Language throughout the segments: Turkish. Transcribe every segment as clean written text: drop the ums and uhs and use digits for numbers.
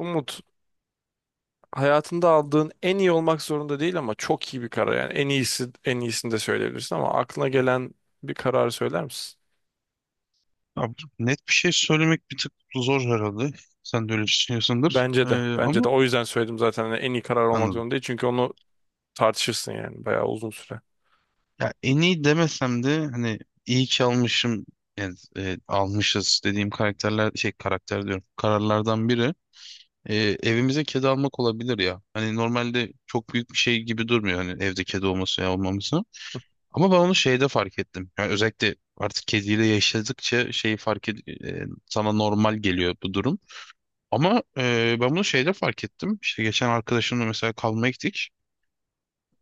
Umut, hayatında aldığın en iyi olmak zorunda değil ama çok iyi bir karar, yani en iyisi, en iyisini de söyleyebilirsin ama aklına gelen bir kararı söyler misin? Abi, net bir şey söylemek bir tık zor herhalde. Sen de öyle düşünüyorsundur. Bence de. Bence de, ama o yüzden söyledim zaten, hani en iyi karar olmak anladım. zorunda değil çünkü onu tartışırsın yani bayağı uzun süre. Ya en iyi demesem de hani iyi ki almışım yani almışız dediğim karakterler şey karakter diyorum kararlardan biri e, evimize kedi almak olabilir ya. Hani normalde çok büyük bir şey gibi durmuyor hani evde kedi olması ya olmaması. Ama ben onu şeyde fark ettim. Yani özellikle artık kediyle yaşadıkça şeyi fark sana normal geliyor bu durum. Ama ben bunu şeyde fark ettim. İşte geçen arkadaşımla mesela kalmaya gittik.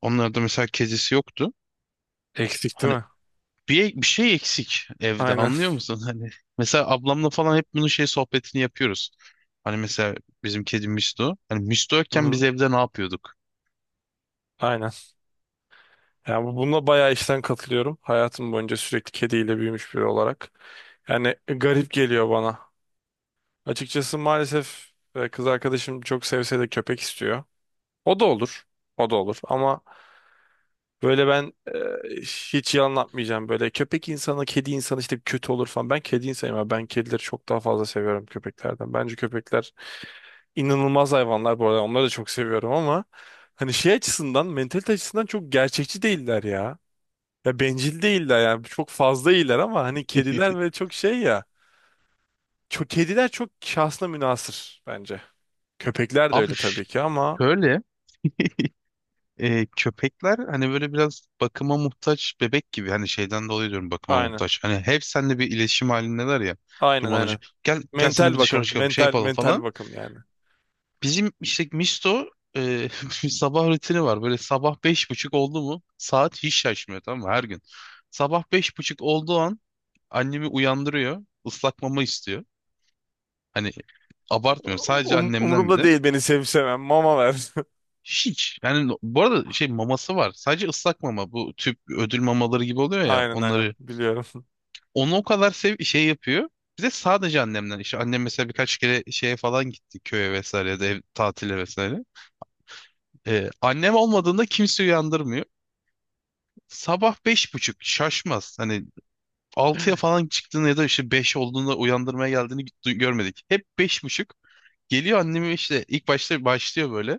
Onlarda mesela kezesi yoktu. Eksik değil Hani mi? bir şey eksik evde Aynen. anlıyor musun? Hani mesela ablamla falan hep bunun şey sohbetini yapıyoruz. Hani mesela bizim kedi Misto. Hani Misto yokken biz Hı-hı. evde ne yapıyorduk? Aynen. Yani bununla bayağı işten katılıyorum. Hayatım boyunca sürekli kediyle büyümüş biri olarak. Yani garip geliyor bana. Açıkçası maalesef kız arkadaşım çok sevse de köpek istiyor. O da olur. O da olur. Ama böyle ben, hiç yalan atmayacağım. Böyle köpek insanı, kedi insanı, işte kötü olur falan. Ben kedi insanıyım ama ben kedileri çok daha fazla seviyorum köpeklerden. Bence köpekler inanılmaz hayvanlar bu arada. Onları da çok seviyorum ama hani şey açısından, mentalite açısından çok gerçekçi değiller ya. Ya bencil değiller yani. Çok fazla iyiler ama hani kediler ve çok şey ya. Çok, kediler çok şahsına münhasır bence. Köpekler de öyle Abi ş- tabii ki ama şöyle köpekler hani böyle biraz bakıma muhtaç bebek gibi hani şeyden dolayı diyorum bakıma aynen. muhtaç. Hani hep seninle bir iletişim halindeler ya Aynen, durmadan önce aynen. gel gel seni Mental bir dışarı bakım. çıkalım şey Mental yapalım mental falan. bakım yani. Bizim işte Misto e, bir sabah rutini var. Böyle sabah beş buçuk oldu mu saat hiç şaşmıyor tamam mı her gün. Sabah beş buçuk olduğu an annemi uyandırıyor. Islak mama istiyor. Hani abartmıyorum sadece annemden bir Umurumda de. değil beni sevip sevmem. Mama ver. Hiç yani bu arada şey maması var. Sadece ıslak mama bu tüp ödül mamaları gibi oluyor ya Aynen, aynen. onları. Biliyorum. Onu o kadar sev şey yapıyor. Bir de sadece annemden işte annem mesela birkaç kere şeye falan gitti köye vesaire ya da ev, tatile vesaire. Annem olmadığında kimse uyandırmıyor. Sabah beş buçuk şaşmaz. Hani altıya falan çıktığını ya da işte 5 olduğunda uyandırmaya geldiğini görmedik. Hep beş buçuk. Geliyor annemi işte ilk başta başlıyor böyle.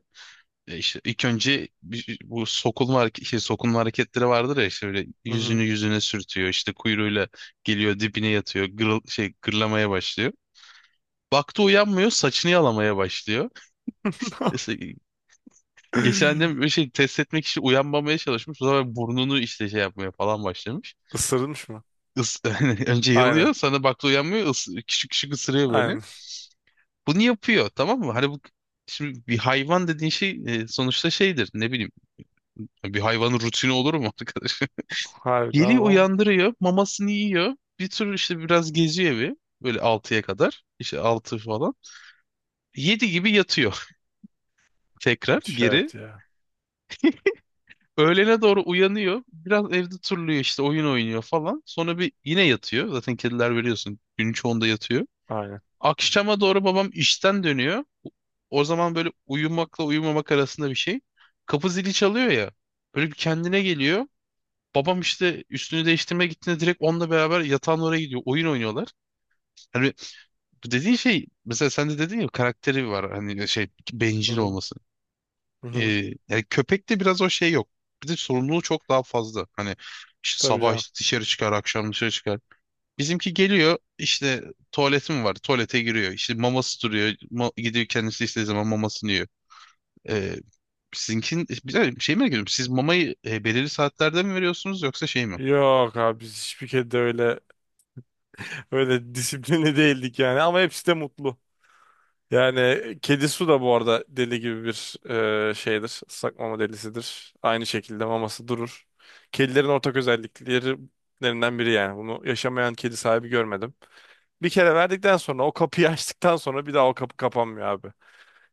E işte ilk önce bu sokulma, sokulma hareketleri vardır ya işte böyle Hı yüzünü hı. yüzüne sürtüyor. İşte kuyruğuyla geliyor dibine yatıyor. Gırlamaya başlıyor. Baktı uyanmıyor saçını yalamaya başlıyor. İşte geçen de bir şey test etmek için uyanmamaya çalışmış. O zaman burnunu işte şey yapmaya falan başlamış. Isırılmış mı? Is önce Aynen. yalıyor sonra baktı uyanmıyor küçük küçük ısırıyor böyle. Aynen. Bunu yapıyor tamam mı? Hani bu şimdi bir hayvan dediğin şey sonuçta şeydir ne bileyim bir hayvanın rutini olur mu arkadaş? Harbiden Geliyor o. uyandırıyor mamasını yiyor bir tür işte biraz geziyor evi böyle altıya kadar işte 6 falan. 7 gibi yatıyor tekrar Müthiş geri. hayat ya. Öğlene doğru uyanıyor. Biraz evde turluyor işte oyun oynuyor falan. Sonra bir yine yatıyor. Zaten kediler biliyorsun günün çoğunda yatıyor. Aynen. Akşama doğru babam işten dönüyor. O zaman böyle uyumakla uyumamak arasında bir şey. Kapı zili çalıyor ya. Böyle bir kendine geliyor. Babam işte üstünü değiştirmeye gittiğinde direkt onunla beraber yatağın oraya gidiyor. Oyun oynuyorlar. Hani bu dediğin şey mesela sen de dedin ya karakteri var. Hani şey Hı bencil hı. olması. Hı hı. Ee, yani köpekte biraz o şey yok. Bir de sorumluluğu çok daha fazla. Hani işte Tabii sabah canım. dışarı çıkar, akşam dışarı çıkar. Bizimki geliyor işte tuvaleti mi var? Tuvalete giriyor. İşte maması duruyor. Gidiyor kendisi istediği zaman mamasını yiyor. Ee, sizinkin bir dakika, şey mi ediyorum. Siz mamayı belirli saatlerde mi veriyorsunuz yoksa şey mi? Yok abi, biz hiçbir kedi de öyle öyle disiplini değildik yani, ama hepsi de mutlu. Yani kedi su da bu arada deli gibi bir, şeydir. Islak mama delisidir. Aynı şekilde maması durur. Kedilerin ortak özelliklerinden biri yani. Bunu yaşamayan kedi sahibi görmedim. Bir kere verdikten sonra o kapıyı açtıktan sonra bir daha o kapı kapanmıyor abi.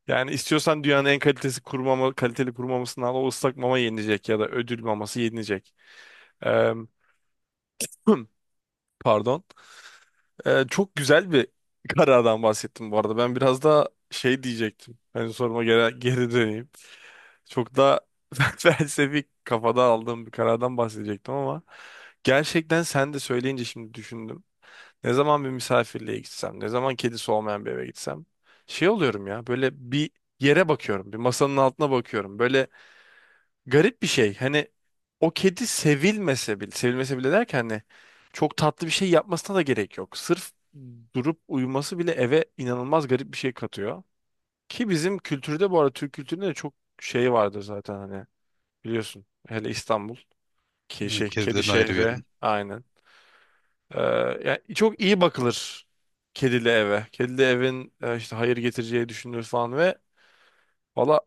Yani istiyorsan dünyanın en kalitesi kuru mama, kaliteli kuru mamasını al, o ıslak mama yenilecek ya da ödül maması yenilecek. Pardon. Çok güzel bir karardan bahsettim bu arada. Ben biraz daha şey diyecektim. Hani soruma geri döneyim. Çok daha felsefik kafada aldığım bir karardan bahsedecektim ama gerçekten sen de söyleyince şimdi düşündüm. Ne zaman bir misafirliğe gitsem, ne zaman kedisi olmayan bir eve gitsem şey oluyorum ya, böyle bir yere bakıyorum, bir masanın altına bakıyorum. Böyle garip bir şey. Hani o kedi sevilmese bile, sevilmese bile derken hani çok tatlı bir şey yapmasına da gerek yok. Sırf durup uyuması bile eve inanılmaz garip bir şey katıyor. Ki bizim kültürde bu arada, Türk kültüründe de çok şey vardır zaten, hani biliyorsun. Hele İstanbul ki Evet, şey, kedi kedilerin ayrı şehri verin. aynen. Ee, Yani çok iyi bakılır kedili eve. Kedili evin işte hayır getireceği düşünülür falan ve valla,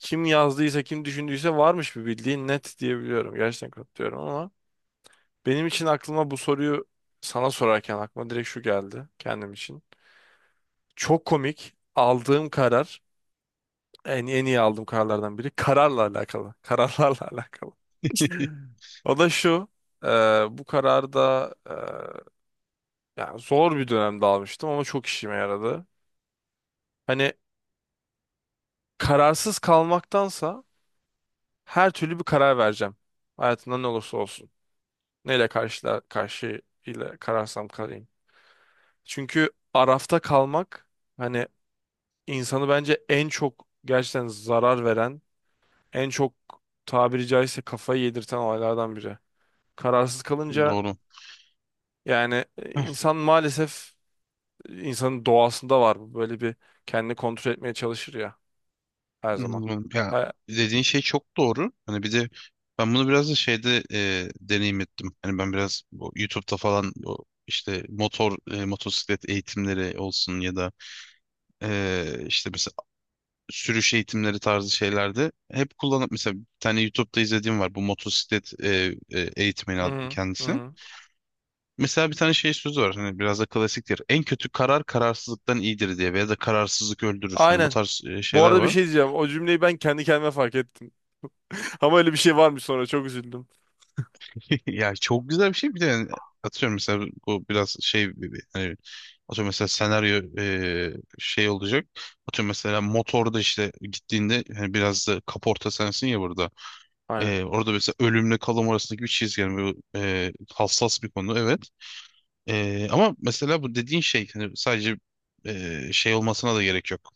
kim yazdıysa kim düşündüyse varmış bir bildiğin net diyebiliyorum. Gerçekten katılıyorum ama benim için aklıma, bu soruyu sana sorarken aklıma direkt şu geldi kendim için. Çok komik aldığım karar, en iyi aldığım kararlardan biri kararla alakalı. Kararlarla alakalı. O da şu: e, bu kararı da, yani zor bir dönemde almıştım ama çok işime yaradı. Hani kararsız kalmaktansa her türlü bir karar vereceğim. Hayatımda ne olursa olsun. Neyle karşı ile kararsam kalayım. Çünkü Araf'ta kalmak, hani insanı bence en çok gerçekten zarar veren, en çok tabiri caizse kafayı yedirten olaylardan biri. Kararsız kalınca Doğru. yani, insan maalesef, insanın doğasında var bu. Böyle bir kendini kontrol etmeye çalışır ya her zaman. Anladım. Ya Ha- dediğin şey çok doğru. Hani bir de ben bunu biraz da şeyde deneyim ettim. Hani ben biraz bu YouTube'da falan bu işte motosiklet eğitimleri olsun ya da işte mesela sürüş eğitimleri tarzı şeylerde hep kullanıp mesela bir tane YouTube'da izlediğim var bu motosiklet eğitmeni Hı hı, hı kendisi. hı. Mesela bir tane şey sözü var hani biraz da klasiktir. En kötü karar kararsızlıktan iyidir diye veya da kararsızlık öldürür. Yani bu Aynen. tarz Bu şeyler arada bir var. şey diyeceğim. O cümleyi ben kendi kendime fark ettim. Ama öyle bir şey varmış, sonra çok üzüldüm. Ya çok güzel bir şey bir de yani atıyorum mesela bu biraz şey gibi hani atıyorum mesela şey olacak. Atıyorum mesela motorda işte gittiğinde hani biraz da kaporta sensin ya burada. Aynen. Orada mesela ölümle kalım arasındaki bir çizgi yani bu, hassas bir konu evet. Ama mesela bu dediğin şey hani sadece şey olmasına da gerek yok.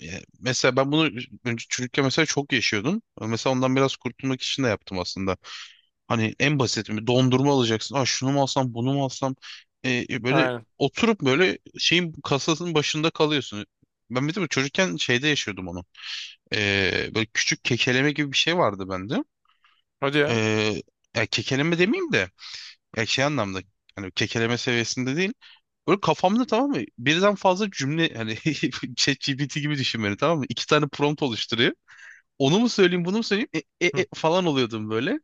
Yani mesela ben bunu önce çocukken mesela çok yaşıyordum. Mesela ondan biraz kurtulmak için de yaptım aslında. Hani en basit bir dondurma alacaksın. Aa şunu mu alsam bunu mu alsam. Böyle Aynen. oturup böyle şeyin kasasının başında kalıyorsun. Ben bir de bu çocukken şeyde yaşıyordum onu. Böyle küçük kekeleme gibi bir şey vardı bende. Hadi ya. Ee, ya kekeleme demeyeyim de ya şey anlamda hani kekeleme seviyesinde değil. Böyle kafamda tamam mı? Birden fazla cümle hani ChatGPT gibi düşün beni tamam mı? İki tane prompt oluşturuyor. Onu mu söyleyeyim bunu mu söyleyeyim Hı, falan oluyordum böyle.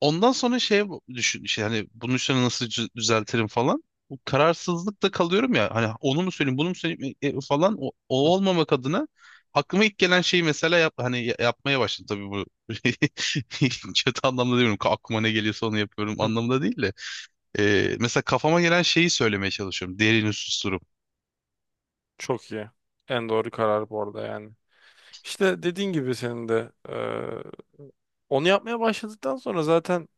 Ondan sonra şey düşün işte hani bunun üstüne nasıl düzeltirim falan. Bu kararsızlıkta kalıyorum ya hani onu mu söyleyeyim bunu mu söyleyeyim falan o, hı, o olmamak adına aklıma ilk gelen şeyi mesela yap, hani yapmaya başladım tabii bu kötü anlamda demiyorum aklıma ne geliyorsa onu yapıyorum hı. anlamında değil de. Mesela kafama gelen şeyi söylemeye çalışıyorum derini susturup. Çok iyi. En doğru karar bu arada yani. İşte dediğin gibi, senin de onu yapmaya başladıktan sonra zaten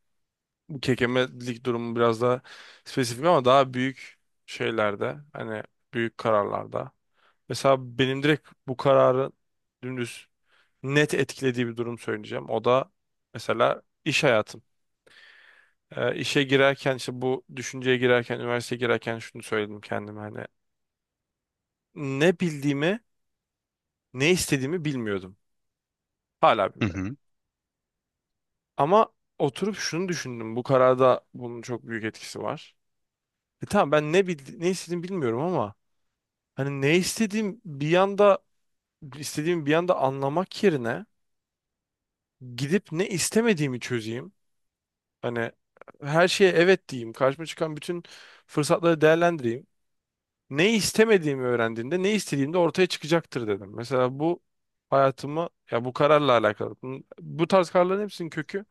bu kekemelik durumu biraz daha spesifik, ama daha büyük şeylerde hani, büyük kararlarda. Mesela benim direkt bu kararı dümdüz net etkilediği bir durum söyleyeceğim. O da mesela iş hayatım. İşe girerken, işte bu düşünceye girerken, üniversiteye girerken şunu söyledim kendime: hani ne bildiğimi, ne istediğimi bilmiyordum. Hala Hı bilmiyorum. hı. Ama oturup şunu düşündüm. Bu kararda bunun çok büyük etkisi var. E tamam, ben ne bildi ne istediğimi bilmiyorum ama hani ne istediğim bir yanda, istediğimi bir yanda anlamak yerine gidip ne istemediğimi çözeyim. Hani her şeye evet diyeyim. Karşıma çıkan bütün fırsatları değerlendireyim. Ne istemediğimi öğrendiğimde ne istediğimde ortaya çıkacaktır dedim. Mesela bu hayatımı, ya bu kararla alakalı. Bu tarz kararların hepsinin kökü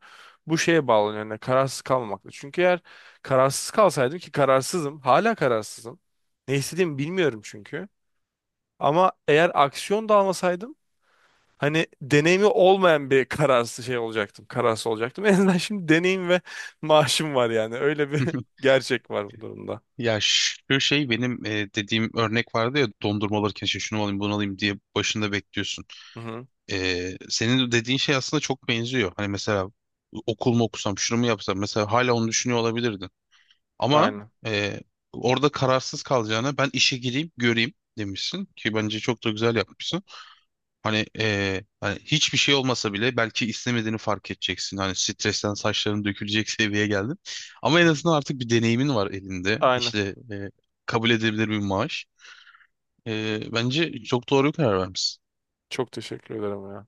bu şeye bağlanıyor. Yani kararsız kalmamakla. Çünkü eğer kararsız kalsaydım, ki kararsızım, hala kararsızım. Ne istediğimi bilmiyorum çünkü. Ama eğer aksiyon da almasaydım, hani deneyimi olmayan bir kararsız şey olacaktım. Kararsız olacaktım. En azından şimdi deneyim ve maaşım var yani. Öyle bir gerçek var bu durumda. Ya şu şey benim dediğim örnek vardı ya dondurma alırken şey şunu alayım bunu alayım diye başında bekliyorsun. Hı hı. Senin dediğin şey aslında çok benziyor. Hani mesela okul mu okusam, şunu mu yapsam mesela hala onu düşünüyor olabilirdin. Ama Aynen. e, orada kararsız kalacağına ben işe gireyim, göreyim demişsin ki bence çok da güzel yapmışsın. Hani, hani hiçbir şey olmasa bile belki istemediğini fark edeceksin. Hani stresten saçların dökülecek seviyeye geldin. Ama en Hı. azından artık bir deneyimin var elinde. Aynen. İşte kabul edilebilir bir maaş. Bence çok doğru bir karar vermişsin. Çok teşekkür ederim ya.